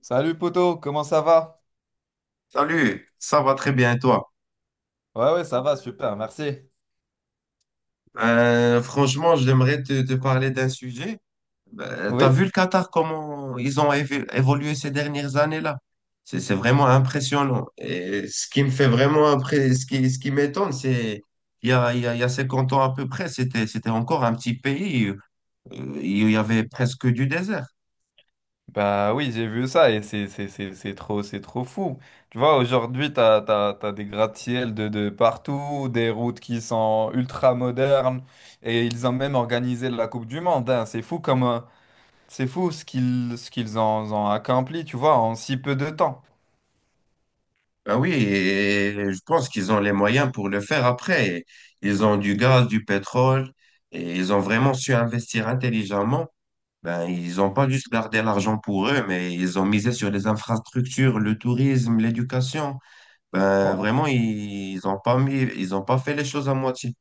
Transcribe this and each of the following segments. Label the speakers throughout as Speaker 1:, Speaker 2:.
Speaker 1: Salut poto, comment ça va?
Speaker 2: Salut, ça va très bien et toi?
Speaker 1: Ouais ouais ça va super, merci.
Speaker 2: Franchement, j'aimerais te parler d'un sujet. T'as vu
Speaker 1: Oui?
Speaker 2: le Qatar, comment ils ont évolué ces dernières années-là? C'est vraiment impressionnant. Et ce qui me fait vraiment ce qui m'étonne, c'est il y a, il y a, il y a 50 ans à peu près, c'était encore un petit pays. Il y avait presque du désert.
Speaker 1: Bah oui j'ai vu ça et c'est trop fou. Tu vois aujourd'hui t'as des gratte-ciel de partout, des routes qui sont ultra modernes et ils ont même organisé la Coupe du Monde, hein. C'est fou ce qu'ils ont accompli tu vois en si peu de temps.
Speaker 2: Ben oui, et je pense qu'ils ont les moyens pour le faire après. Ils ont du gaz, du pétrole, et ils ont vraiment su investir intelligemment. Ben, ils n'ont pas juste gardé l'argent pour eux, mais ils ont misé sur les infrastructures, le tourisme, l'éducation. Ben, vraiment, ils ont pas fait les choses à moitié.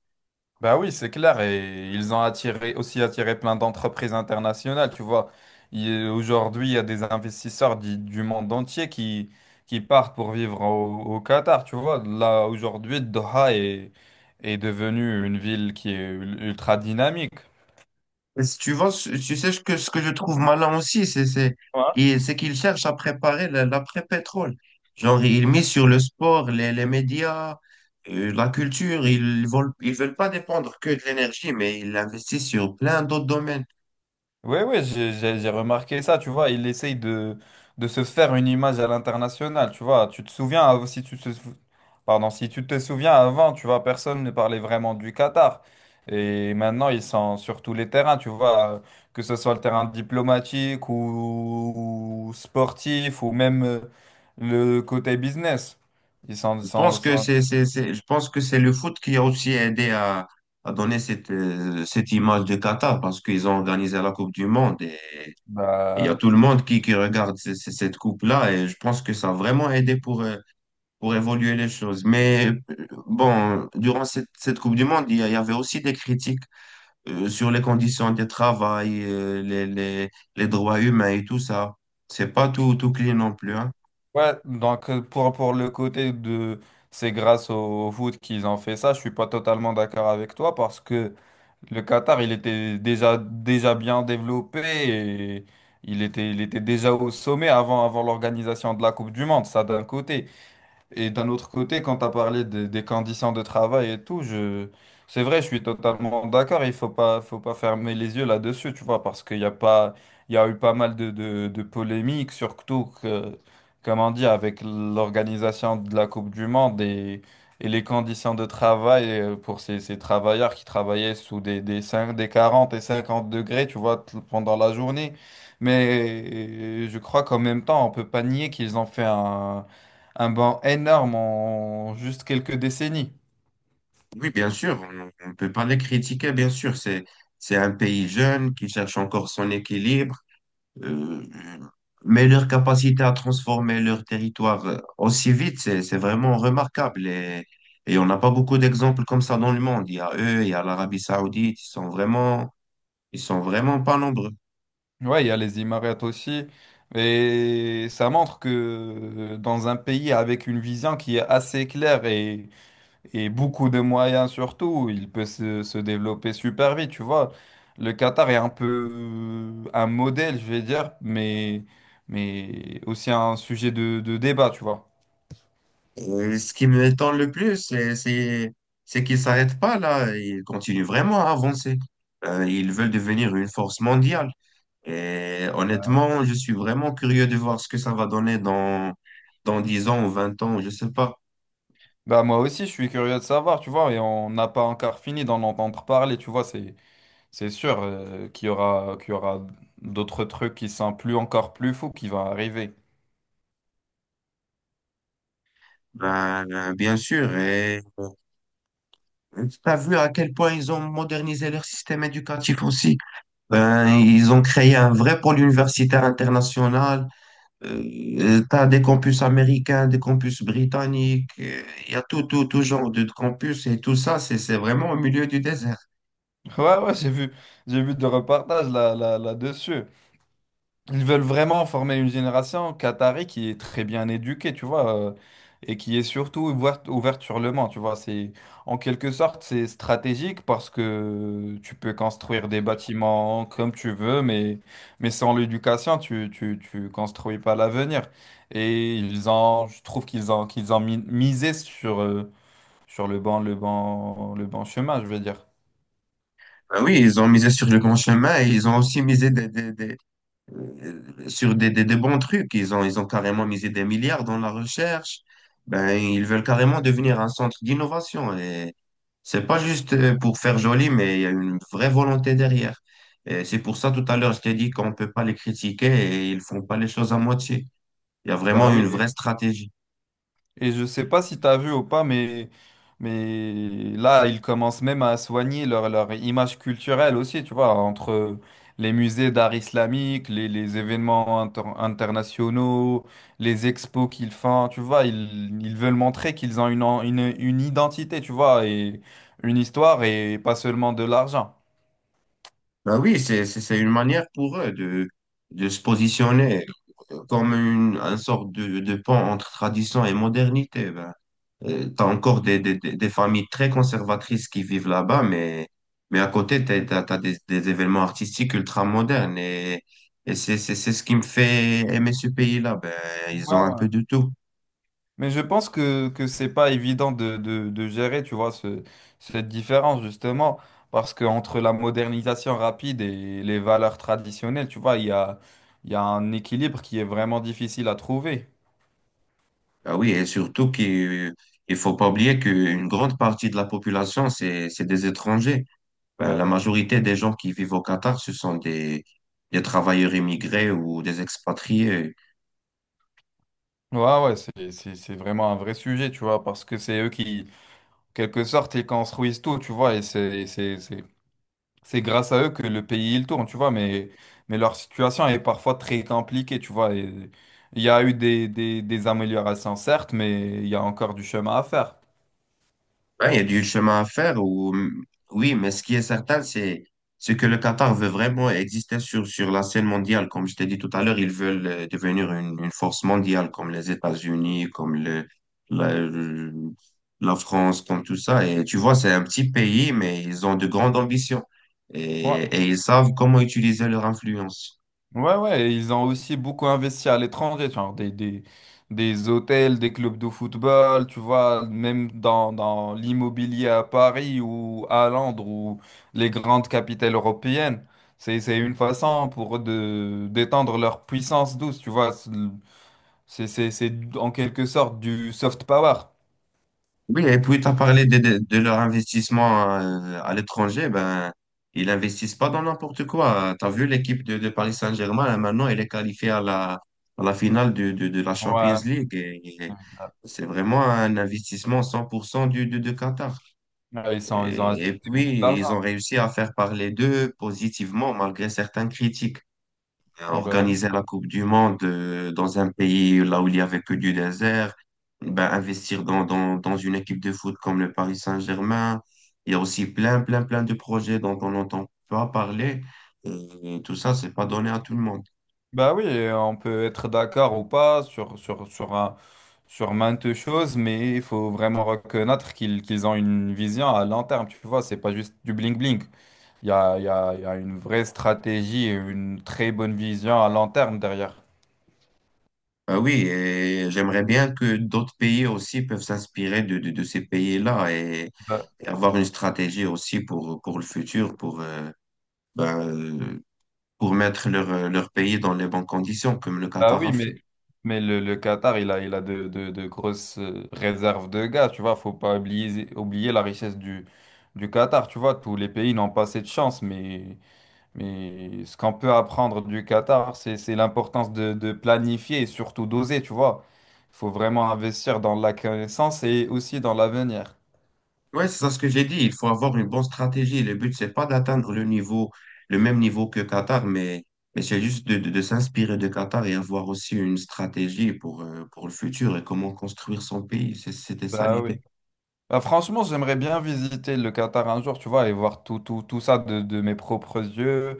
Speaker 1: Bah oui, c'est clair. Et ils ont aussi attiré plein d'entreprises internationales. Tu vois, aujourd'hui, il y a des investisseurs du monde entier qui, partent pour vivre au Qatar. Tu vois, là, aujourd'hui, Doha est devenue une ville qui est ultra dynamique.
Speaker 2: Et si tu vois, tu sais ce que je trouve malin aussi, c'est, c'est,
Speaker 1: Ouais.
Speaker 2: et c'est qu'ils cherchent à préparer l'après-pétrole. Genre, ils misent sur le sport, les médias, la culture. Ils veulent pas dépendre que de l'énergie, mais ils investissent sur plein d'autres domaines.
Speaker 1: Ouais, ouais, j'ai remarqué ça, tu vois, il essaye de se faire une image à l'international, tu vois, tu te souviens, av- si tu te, sou- pardon, si tu te souviens avant, tu vois, personne ne parlait vraiment du Qatar, et maintenant ils sont sur tous les terrains, tu vois, que ce soit le terrain diplomatique ou, sportif, ou même le côté business, ils sont,
Speaker 2: Je
Speaker 1: sont,
Speaker 2: pense que
Speaker 1: sont-
Speaker 2: c'est- je pense que c'est le foot qui a aussi aidé à, donner cette image de Qatar parce qu'ils ont organisé la Coupe du Monde et il y a
Speaker 1: bah.
Speaker 2: tout le monde qui regarde cette coupe-là et je pense que ça a vraiment aidé pour évoluer les choses. Mais bon, durant cette Coupe du Monde, il y avait aussi des critiques sur les conditions de travail, les droits humains et tout ça. C'est pas tout, tout clean non plus, hein.
Speaker 1: Ouais, donc pour le côté de c'est grâce au foot qu'ils ont fait ça, je suis pas totalement d'accord avec toi parce que le Qatar, il était déjà bien développé et il était déjà au sommet avant l'organisation de la Coupe du Monde, ça d'un côté. Et d'un autre côté, quand tu as parlé des conditions de travail et tout, c'est vrai, je suis totalement d'accord. Il faut pas fermer les yeux là-dessus, tu vois, parce qu'il y a eu pas mal de polémiques, surtout que, comme on dit, avec l'organisation de la Coupe du Monde et les conditions de travail pour ces travailleurs qui travaillaient sous des 5, des 40 et 50 degrés, tu vois, pendant la journée. Mais je crois qu'en même temps, on peut pas nier qu'ils ont fait un banc énorme en juste quelques décennies.
Speaker 2: Oui, bien sûr, on ne peut pas les critiquer, bien sûr. C'est un pays jeune qui cherche encore son équilibre, euh, mais leur capacité à transformer leur territoire, aussi vite, c'est vraiment remarquable. Et on n'a pas beaucoup d'exemples comme ça dans le monde. Il y a eux, il y a l'Arabie Saoudite, ils sont vraiment pas nombreux.
Speaker 1: Ouais, il y a les Émirats aussi. Et ça montre que dans un pays avec une vision qui est assez claire et beaucoup de moyens surtout, il peut se développer super vite, tu vois. Le Qatar est un peu un modèle, je vais dire, mais aussi un sujet de débat, tu vois.
Speaker 2: Et ce qui me m'étonne le plus, c'est qu'ils s'arrêtent pas là, ils continuent vraiment à avancer. Ils veulent devenir une force mondiale. Et honnêtement, je suis vraiment curieux de voir ce que ça va donner dans 10 ans ou 20 ans, je sais pas.
Speaker 1: Bah moi aussi, je suis curieux de savoir, tu vois, et on n'a pas encore fini d'en entendre parler, tu vois, c'est... C'est sûr qu'il y aura d'autres trucs qui sont plus encore plus fous qui vont arriver.
Speaker 2: Ben, bien sûr. Et tu as vu à quel point ils ont modernisé leur système éducatif aussi. Ben, ils ont créé un vrai pôle universitaire international. Tu as des campus américains, des campus britanniques. Il y a tout, tout, tout genre de campus et tout ça, c'est vraiment au milieu du désert.
Speaker 1: Ouais, ouais, j'ai vu des reportages là-dessus. Ils veulent vraiment former une génération qatari qui est très bien éduquée, tu vois, et qui est surtout ouverte sur le monde, tu vois. C'est, en quelque sorte, c'est stratégique parce que tu peux construire des bâtiments comme tu veux, mais sans l'éducation, tu construis pas l'avenir. Je trouve qu'ils ont misé sur le bon chemin, je veux dire.
Speaker 2: Ben oui, ils ont misé sur le grand chemin et ils ont aussi misé des- sur des bons trucs. Ils ont carrément misé des milliards dans la recherche. Ben, ils veulent carrément devenir un centre d'innovation. Et c'est pas juste, pour faire joli, mais il y a une vraie volonté derrière. Et c'est pour ça, tout à l'heure, je t'ai dit qu'on peut pas les critiquer et ils font pas les choses à moitié. Il y a vraiment
Speaker 1: Bah
Speaker 2: une
Speaker 1: oui.
Speaker 2: vraie stratégie.
Speaker 1: Et je sais pas si t'as vu ou pas, mais là, ils commencent même à soigner leur image culturelle aussi, tu vois, entre les musées d'art islamique, les événements internationaux, les expos qu'ils font, tu vois, ils veulent montrer qu'ils ont une identité, tu vois, et une histoire et pas seulement de l'argent.
Speaker 2: Ben oui, c'est une manière pour eux de, se positionner comme une sorte de pont entre tradition et modernité. Ben, tu as encore des familles très conservatrices qui vivent là-bas, mais à côté, t'as des, événements artistiques ultra modernes. Et c'est ce qui me fait aimer ce pays-là. Ben, ils ont un peu de tout.
Speaker 1: Mais je pense que c'est pas évident de gérer, tu vois, cette différence, justement, parce que entre la modernisation rapide et les valeurs traditionnelles, tu vois, il y a un équilibre qui est vraiment difficile à trouver.
Speaker 2: Ah oui, et surtout qu'il il faut pas oublier qu'une grande partie de la population, c'est des étrangers. Ben, la
Speaker 1: Ben,
Speaker 2: majorité des gens qui vivent au Qatar, ce sont des travailleurs immigrés ou des expatriés.
Speaker 1: ouais, ouais, ouais, c'est vraiment un vrai sujet, tu vois, parce que c'est eux qui, en quelque sorte, ils construisent tout, tu vois, et c'est grâce à eux que le pays il tourne, tu vois, mais leur situation est parfois très compliquée, tu vois. Et il y a eu des améliorations, certes, mais il y a encore du chemin à faire.
Speaker 2: Ouais, il y a du chemin à faire. Oui, mais ce qui est certain, c'est que le Qatar veut vraiment exister sur la scène mondiale. Comme je t'ai dit tout à l'heure, ils veulent, devenir une force mondiale, comme les États-Unis, comme la, le- la France, comme tout ça. Et tu vois, c'est un petit pays, mais ils ont de grandes ambitions.
Speaker 1: Ouais,
Speaker 2: Et ils savent comment utiliser leur influence.
Speaker 1: ouais, ouais. Et ils ont aussi beaucoup investi à l'étranger, genre des hôtels, des clubs de football, tu vois, même dans l'immobilier à Paris ou à Londres ou les grandes capitales européennes. C'est une façon pour eux de d'étendre leur puissance douce, tu vois. C'est en quelque sorte du soft power.
Speaker 2: Oui, et puis tu as parlé de leur investissement, à l'étranger. Ben, ils investissent pas dans n'importe quoi. Tu as vu l'équipe de Paris Saint-Germain, là, maintenant, elle est qualifiée à la finale de la Champions
Speaker 1: Ouais.
Speaker 2: League. Et c'est vraiment un investissement 100% du, de Qatar.
Speaker 1: Ouais, ils ont
Speaker 2: Et, et
Speaker 1: injecté beaucoup
Speaker 2: puis,
Speaker 1: d'argent.
Speaker 2: ils ont réussi à faire parler d'eux positivement malgré certaines critiques,
Speaker 1: Bah, oui.
Speaker 2: organiser la Coupe du Monde, dans un pays là où il y avait que du désert, ben, investir dans une équipe de foot comme le Paris Saint-Germain. Il y a aussi plein, plein, plein de projets dont on n'entend pas parler. Et tout ça, c'est pas donné à tout le monde.
Speaker 1: Bah oui, et on peut être d'accord ou pas sur maintes choses, mais il faut vraiment reconnaître qu'ils ont une vision à long terme. Tu vois, c'est pas juste du bling-bling. Il y a, il y a, il y a une vraie stratégie et une très bonne vision à long terme derrière.
Speaker 2: Ben oui, et j'aimerais bien que d'autres pays aussi peuvent s'inspirer de ces pays-là et avoir une stratégie aussi pour le futur, ben, pour mettre leur pays dans les bonnes conditions, comme le
Speaker 1: Ah
Speaker 2: Qatar
Speaker 1: oui,
Speaker 2: a
Speaker 1: mais,
Speaker 2: fait.
Speaker 1: mais le Qatar, il a de grosses réserves de gaz, tu vois. Faut pas oublier la richesse du Qatar, tu vois. Tous les pays n'ont pas cette chance, mais ce qu'on peut apprendre du Qatar, c'est l'importance de planifier et surtout d'oser, tu vois. Faut vraiment investir dans la connaissance et aussi dans l'avenir.
Speaker 2: Oui, c'est ça ce que j'ai dit. Il faut avoir une bonne stratégie. Le but, c'est pas d'atteindre le niveau, le même niveau que Qatar, mais c'est juste de s'inspirer de Qatar et avoir aussi une stratégie pour le futur et comment construire son pays. C'était ça
Speaker 1: Bah oui.
Speaker 2: l'idée.
Speaker 1: Bah, franchement, j'aimerais bien visiter le Qatar un jour, tu vois, et voir tout ça de mes propres yeux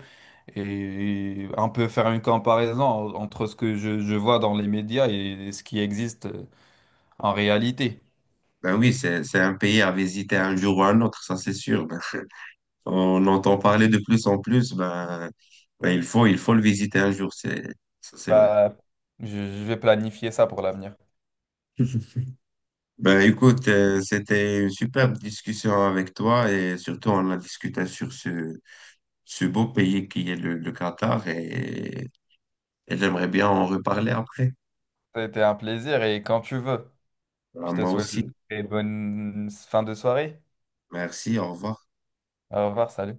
Speaker 1: et un peu faire une comparaison entre ce que je vois dans les médias et ce qui existe en réalité.
Speaker 2: Ben oui, c'est un pays à visiter un jour ou un autre, ça c'est sûr. On entend parler de plus en plus, ben, il faut le visiter un jour, ça, c'est vrai.
Speaker 1: Bah, je vais planifier ça pour l'avenir.
Speaker 2: Ben, écoute, c'était une superbe discussion avec toi et surtout on a discuté sur ce beau pays qui est le Qatar et j'aimerais bien en reparler après.
Speaker 1: Ça a été un plaisir et quand tu veux,
Speaker 2: Ben,
Speaker 1: je te
Speaker 2: moi
Speaker 1: souhaite une
Speaker 2: aussi.
Speaker 1: très bonne fin de soirée.
Speaker 2: Merci, au revoir.
Speaker 1: Au revoir, salut.